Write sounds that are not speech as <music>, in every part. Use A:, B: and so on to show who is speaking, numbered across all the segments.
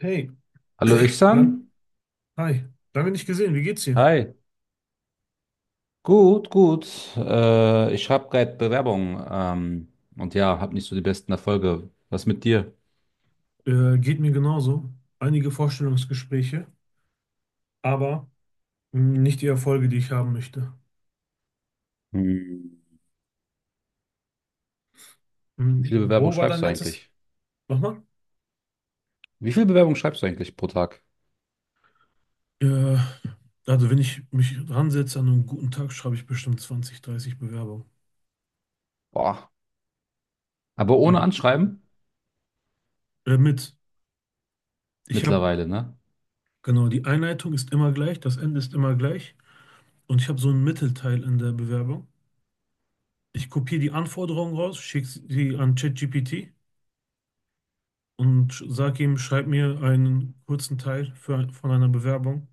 A: Hey,
B: Hallo
A: lang,
B: Ihsan.
A: hi, lange nicht gesehen, wie geht's dir?
B: Hi. Gut, gut. Ich habe gerade Bewerbung, und ja, habe nicht so die besten Erfolge. Was mit dir?
A: Geht mir genauso. Einige Vorstellungsgespräche, aber nicht die Erfolge, die ich haben möchte.
B: Hm. Wie viele Bewerbungen
A: Wo war dein
B: schreibst du
A: letztes?
B: eigentlich?
A: Nochmal?
B: Wie viele Bewerbungen schreibst du eigentlich pro Tag?
A: Äh, also wenn ich mich ransetze an einen guten Tag, schreibe ich bestimmt 20, 30 Bewerbungen.
B: Boah. Aber
A: An
B: ohne
A: einem guten Tag.
B: Anschreiben?
A: Äh, mit, ich habe,
B: Mittlerweile, ne?
A: genau, die Einleitung ist immer gleich, das Ende ist immer gleich und ich habe so einen Mittelteil in der Bewerbung. Ich kopiere die Anforderungen raus, schicke sie an ChatGPT und sag ihm, schreib mir einen kurzen Teil für, von einer Bewerbung,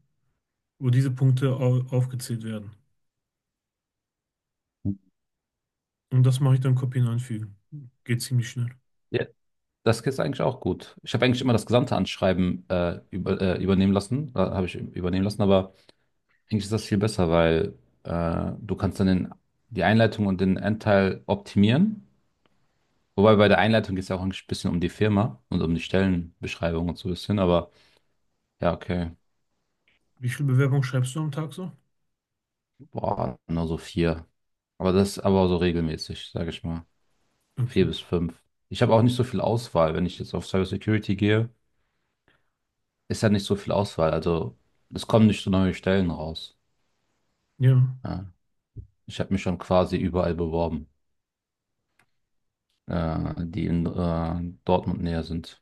A: wo diese Punkte aufgezählt werden. Und das mache ich dann kopieren und einfügen. Geht ziemlich schnell.
B: Ja. Das geht eigentlich auch gut. Ich habe eigentlich immer das gesamte Anschreiben übernehmen lassen, habe ich übernehmen lassen, aber eigentlich ist das viel besser, weil du kannst dann den, die Einleitung und den Endteil optimieren. Wobei bei der Einleitung geht es ja auch ein bisschen um die Firma und um die Stellenbeschreibung und so ein bisschen, aber ja, okay.
A: Wie viele Bewerbungen schreibst du am Tag so?
B: Boah, nur so vier. Aber das aber so regelmäßig, sage ich mal.
A: Okay.
B: Vier bis fünf. Ich habe auch nicht so viel Auswahl. Wenn ich jetzt auf Cybersecurity gehe, ist ja nicht so viel Auswahl. Also es kommen nicht so neue Stellen raus.
A: Ja.
B: Ja. Ich habe mich schon quasi überall beworben, die in Dortmund näher sind.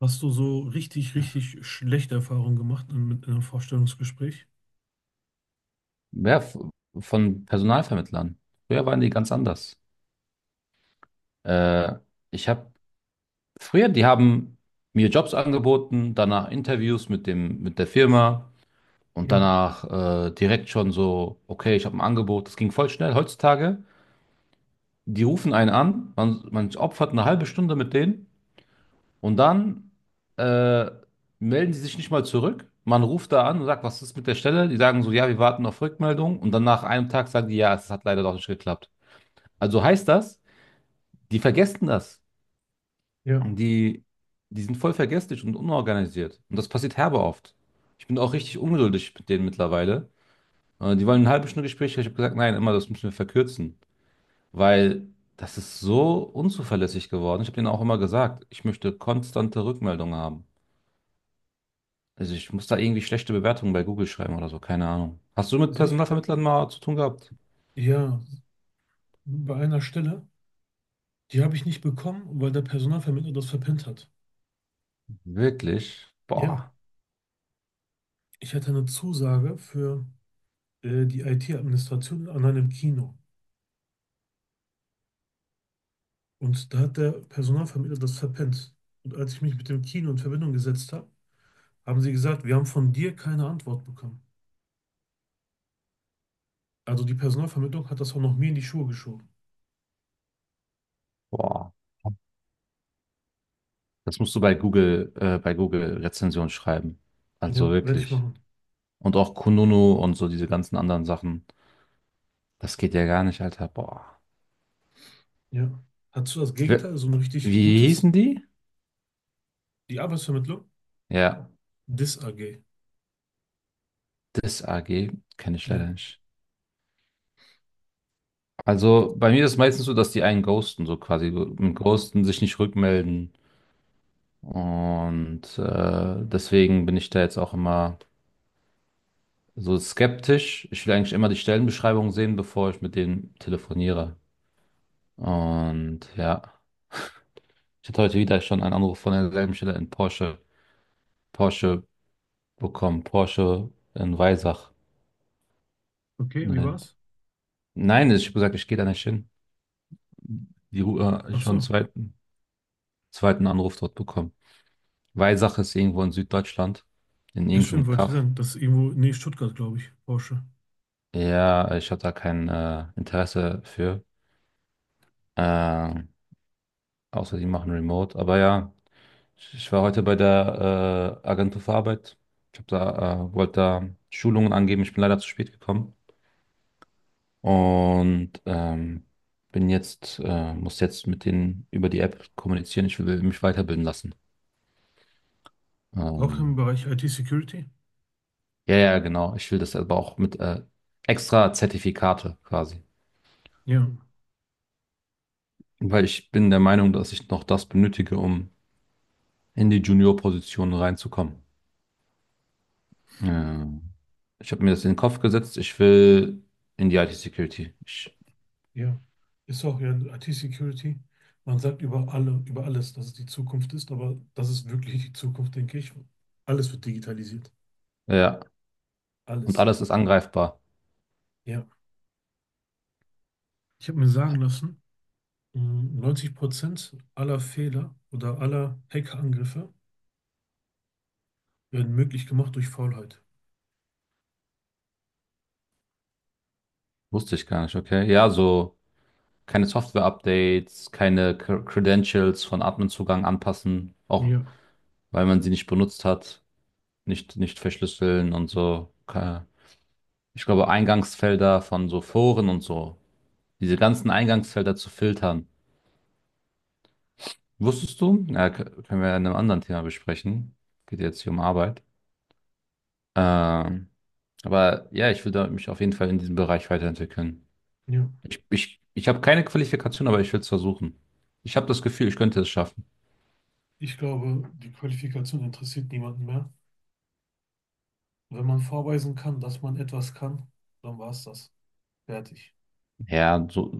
A: Hast du so richtig, richtig schlechte Erfahrungen gemacht in, mit einem Vorstellungsgespräch?
B: Ja, von Personalvermittlern. Früher waren die ganz anders. Äh, ich habe Früher, die haben mir Jobs angeboten, danach Interviews mit dem, mit der Firma und
A: Ja.
B: danach direkt schon so, okay, ich habe ein Angebot. Das ging voll schnell. Heutzutage, die rufen einen an, man opfert eine halbe Stunde mit denen und dann äh, melden die sich nicht mal zurück. Man ruft da an und sagt, was ist mit der Stelle? Die sagen so, ja, wir warten auf Rückmeldung und dann nach einem Tag sagen die, ja, es hat leider doch nicht geklappt. Also heißt das, die vergessen das.
A: Ja.
B: die, die sind voll vergesslich und unorganisiert. Und das passiert herbe oft. Ich bin auch richtig ungeduldig mit denen mittlerweile. Die wollen eine halbe Stunde Gespräch. Ich habe gesagt, nein, immer, das müssen wir verkürzen. Weil das ist so unzuverlässig geworden. Ich habe denen auch immer gesagt, ich möchte konstante Rückmeldungen haben. Also ich muss da irgendwie schlechte Bewertungen bei Google schreiben oder so, keine Ahnung. Hast du mit
A: Sich.
B: Personalvermittlern mal zu tun gehabt?
A: Ja. Bei einer Stelle, die habe ich nicht bekommen, weil der Personalvermittler das verpennt hat.
B: Wirklich?
A: Ja. Ich hatte eine Zusage für die IT-Administration an einem Kino. Und da hat der Personalvermittler das verpennt. Und als ich mich mit dem Kino in Verbindung gesetzt habe, haben sie gesagt, wir haben von dir keine Antwort bekommen. Also die Personalvermittlung hat das auch noch mir in die Schuhe geschoben.
B: Boah. Das musst du bei Google Rezension schreiben. Also
A: Ja, werde ich
B: wirklich.
A: machen.
B: Und auch Kununu und so diese ganzen anderen Sachen. Das geht ja gar nicht, Alter. Boah.
A: Ja. Hattest du das
B: Ich will-
A: Gegenteil, so ein richtig
B: Wie
A: gutes?
B: hießen die?
A: Die Arbeitsvermittlung?
B: Ja,
A: DIS AG.
B: das AG kenne ich
A: Ja.
B: leider nicht. Also bei mir ist es meistens so, dass die einen ghosten, so quasi mit Ghosten sich nicht rückmelden. Und deswegen bin ich da jetzt auch immer so skeptisch. Ich will eigentlich immer die Stellenbeschreibung sehen, bevor ich mit denen telefoniere. Und ja, ich hatte heute wieder schon einen Anruf von derselben Stelle in Porsche. Porsche bekommen, Porsche in Weisach.
A: Okay, wie
B: Äh,
A: war's?
B: Nein, ich habe gesagt, ich gehe da nicht hin. Die, Ru-
A: Ach
B: schon einen
A: so.
B: zweiten Anruf dort bekommen. Weisach ist irgendwo in Süddeutschland, in
A: Ja, stimmt,
B: irgendeinem
A: wollte ich
B: Kaff.
A: sagen. Das ist irgendwo, nee, Stuttgart, glaube ich, Porsche.
B: Ja, ich habe da kein Interesse für. Äh, außer die machen Remote. Aber ja, ich war heute bei der Agentur für Arbeit. Ich hab da, wollte da Schulungen angeben. Ich bin leider zu spät gekommen. Und muss jetzt mit denen über die App kommunizieren. Ich will mich weiterbilden lassen.
A: Auch im
B: Ähm,
A: Bereich IT-Security?
B: ja, ja, genau. Ich will das aber auch mit extra Zertifikate quasi.
A: Ja.
B: Weil ich bin der Meinung, dass ich noch das benötige, um in die Junior-Position reinzukommen. Ähm, ich habe mir das in den Kopf gesetzt. Ich will in die IT-Security. Ich-
A: Ja, ist auch ja IT-Security. Man sagt über alle, über alles, dass es die Zukunft ist, aber das ist wirklich die Zukunft, denke ich. Alles wird digitalisiert.
B: Ja, und
A: Alles.
B: alles ist angreifbar.
A: Ja. Ich habe mir sagen lassen, 90% aller Fehler oder aller Hackerangriffe werden möglich gemacht durch Faulheit.
B: Wusste ich gar nicht, okay? Ja, so. Keine Software-Updates, keine Credentials von Admin-Zugang anpassen, auch
A: Ja,
B: weil man sie nicht benutzt hat, nicht verschlüsseln und so. Ich glaube, Eingangsfelder von so Foren und so, diese ganzen Eingangsfelder zu filtern. Wusstest du? Ja, können wir ja in einem anderen Thema besprechen. Geht jetzt hier um Arbeit. Ähm, aber ja, ich will da mich auf jeden Fall in diesem Bereich weiterentwickeln.
A: ja.
B: Ich habe keine Qualifikation, aber ich will es versuchen. Ich habe das Gefühl, ich könnte es schaffen.
A: Ich glaube, die Qualifikation interessiert niemanden mehr. Wenn man vorweisen kann, dass man etwas kann, dann war es das. Fertig.
B: Ja, so,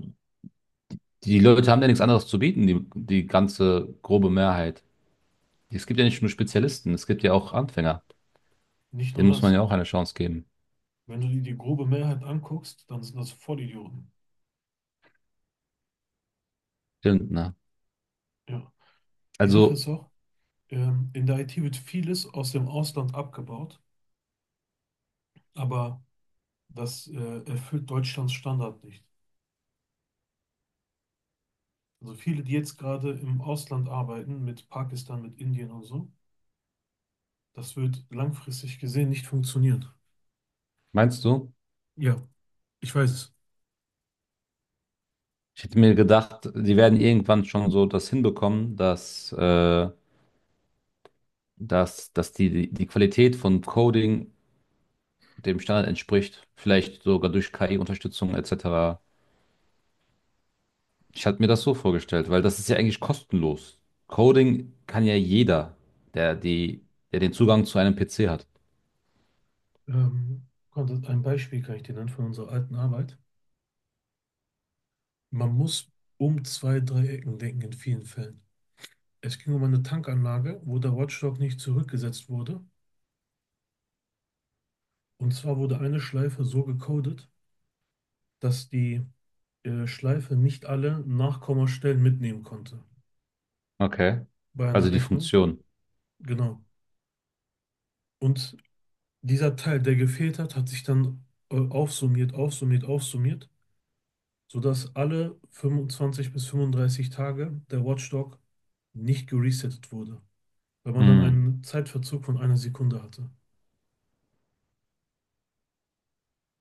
B: die Leute haben ja nichts anderes zu bieten, die ganze grobe Mehrheit. Es gibt ja nicht nur Spezialisten, es gibt ja auch Anfänger.
A: Nicht nur
B: Denen muss man
A: das.
B: ja auch eine Chance geben.
A: Wenn du dir die grobe Mehrheit anguckst, dann sind das Vollidioten.
B: Stimmt, ne?
A: Ja. Die Sache
B: Also,
A: ist auch, in der IT wird vieles aus dem Ausland abgebaut, aber das erfüllt Deutschlands Standard nicht. Also viele, die jetzt gerade im Ausland arbeiten, mit Pakistan, mit Indien und so, das wird langfristig gesehen nicht funktionieren.
B: meinst du?
A: Ja, ich weiß es.
B: Ich hätte mir gedacht, die werden irgendwann schon so das hinbekommen, dass die die Qualität von Coding dem Standard entspricht. Vielleicht sogar durch KI-Unterstützung etc. Ich hatte mir das so vorgestellt, weil das ist ja eigentlich kostenlos. Coding kann ja jeder, der, die, der den Zugang zu einem PC hat.
A: Ein Beispiel kann ich dir nennen von unserer alten Arbeit. Man muss um zwei, drei Ecken denken in vielen Fällen. Es ging um eine Tankanlage, wo der Watchdog nicht zurückgesetzt wurde. Und zwar wurde eine Schleife so gecodet, dass die Schleife nicht alle Nachkommastellen mitnehmen konnte
B: Okay.
A: bei einer
B: Also die
A: Rechnung.
B: Funktion.
A: Genau. Und dieser Teil, der gefehlt hat, hat sich dann aufsummiert, aufsummiert, aufsummiert, sodass alle 25 bis 35 Tage der Watchdog nicht geresettet wurde, weil man dann
B: Hm.
A: einen Zeitverzug von einer Sekunde hatte.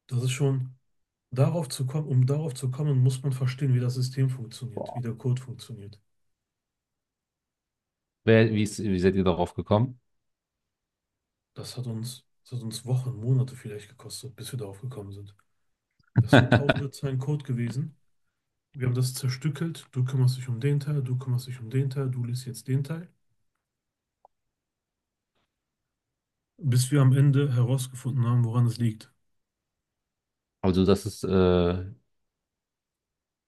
A: Das ist schon. Um darauf zu kommen, muss man verstehen, wie das System funktioniert, wie der Code funktioniert.
B: Wie seid ihr darauf gekommen?
A: Das hat uns Wochen, Monate vielleicht gekostet, bis wir darauf gekommen sind. Das sind tausende
B: <laughs>
A: Zeilen Code gewesen. Wir haben das zerstückelt. Du kümmerst dich um den Teil, du kümmerst dich um den Teil, du liest jetzt den Teil. Bis wir am Ende herausgefunden haben, woran es liegt.
B: Also das ist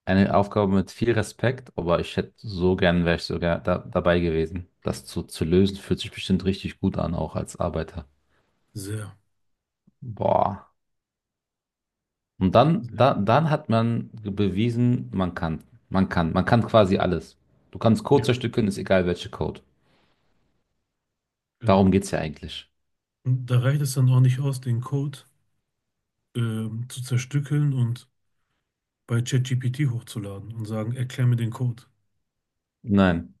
B: eine Aufgabe mit viel Respekt, aber ich hätte so gern, wäre ich sogar da, dabei gewesen. Zu lösen fühlt sich bestimmt richtig gut an, auch als Arbeiter.
A: Sehr,
B: Boah. Und dann,
A: sehr.
B: dann hat man bewiesen, man kann. Man kann. Man kann quasi alles. Du kannst Code
A: Ja,
B: zerstückeln, ist egal welche Code. Darum
A: genau.
B: geht's ja eigentlich.
A: Und da reicht es dann auch nicht aus, den Code zu zerstückeln und bei ChatGPT hochzuladen und sagen, erklär mir den Code.
B: Nein.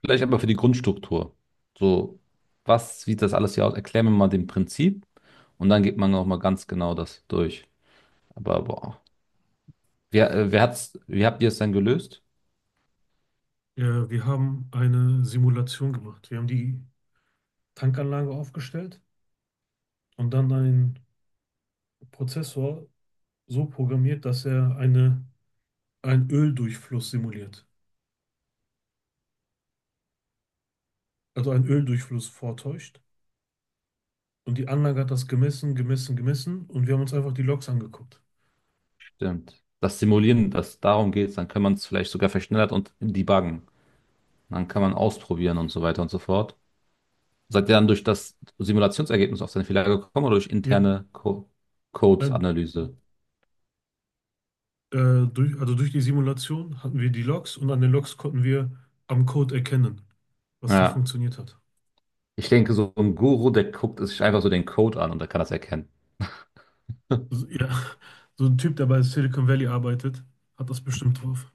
B: Vielleicht aber für die Grundstruktur. So, was sieht das alles hier aus? Erklär mir mal den Prinzip und dann geht man nochmal ganz genau das durch. Aber boah. Wer hat's, wie habt ihr es dann gelöst?
A: Ja, wir haben eine Simulation gemacht. Wir haben die Tankanlage aufgestellt und dann einen Prozessor so programmiert, dass er eine, einen Öldurchfluss simuliert. Also einen Öldurchfluss vortäuscht. Und die Anlage hat das gemessen, gemessen, gemessen und wir haben uns einfach die Logs angeguckt.
B: Stimmt. Das darum geht, dann kann man es vielleicht sogar verschnellert und debuggen. Dann kann man ausprobieren und so weiter und so fort. Seid ihr dann durch das Simulationsergebnis auf seinen Fehler gekommen oder durch
A: Ja.
B: interne Co
A: Dann,
B: Code-Analyse?
A: also durch die Simulation hatten wir die Logs und an den Logs konnten wir am Code erkennen, was nicht
B: Ja,
A: funktioniert hat.
B: ich denke, so ein Guru, der guckt sich einfach so den Code an und der kann das erkennen. <laughs>
A: So, ja, <laughs> so ein Typ, der bei Silicon Valley arbeitet, hat das bestimmt drauf.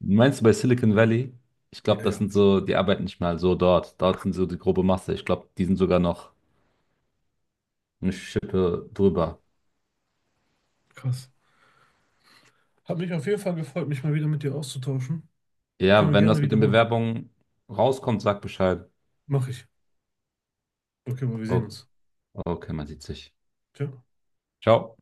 B: Meinst du bei Silicon Valley? Ich glaube,
A: Ja,
B: das
A: ja,
B: sind so, die arbeiten nicht mal so dort. Dort sind so die grobe Masse. Ich glaube, die sind sogar noch eine Schippe drüber.
A: krass. Hat mich auf jeden Fall gefreut, mich mal wieder mit dir auszutauschen. Können
B: Ja,
A: wir
B: wenn
A: gerne
B: was mit den
A: wiederholen.
B: Bewerbungen rauskommt, sag Bescheid.
A: Mach ich. Okay, aber wir sehen
B: Oh,
A: uns.
B: okay, man sieht sich.
A: Ciao.
B: Ciao.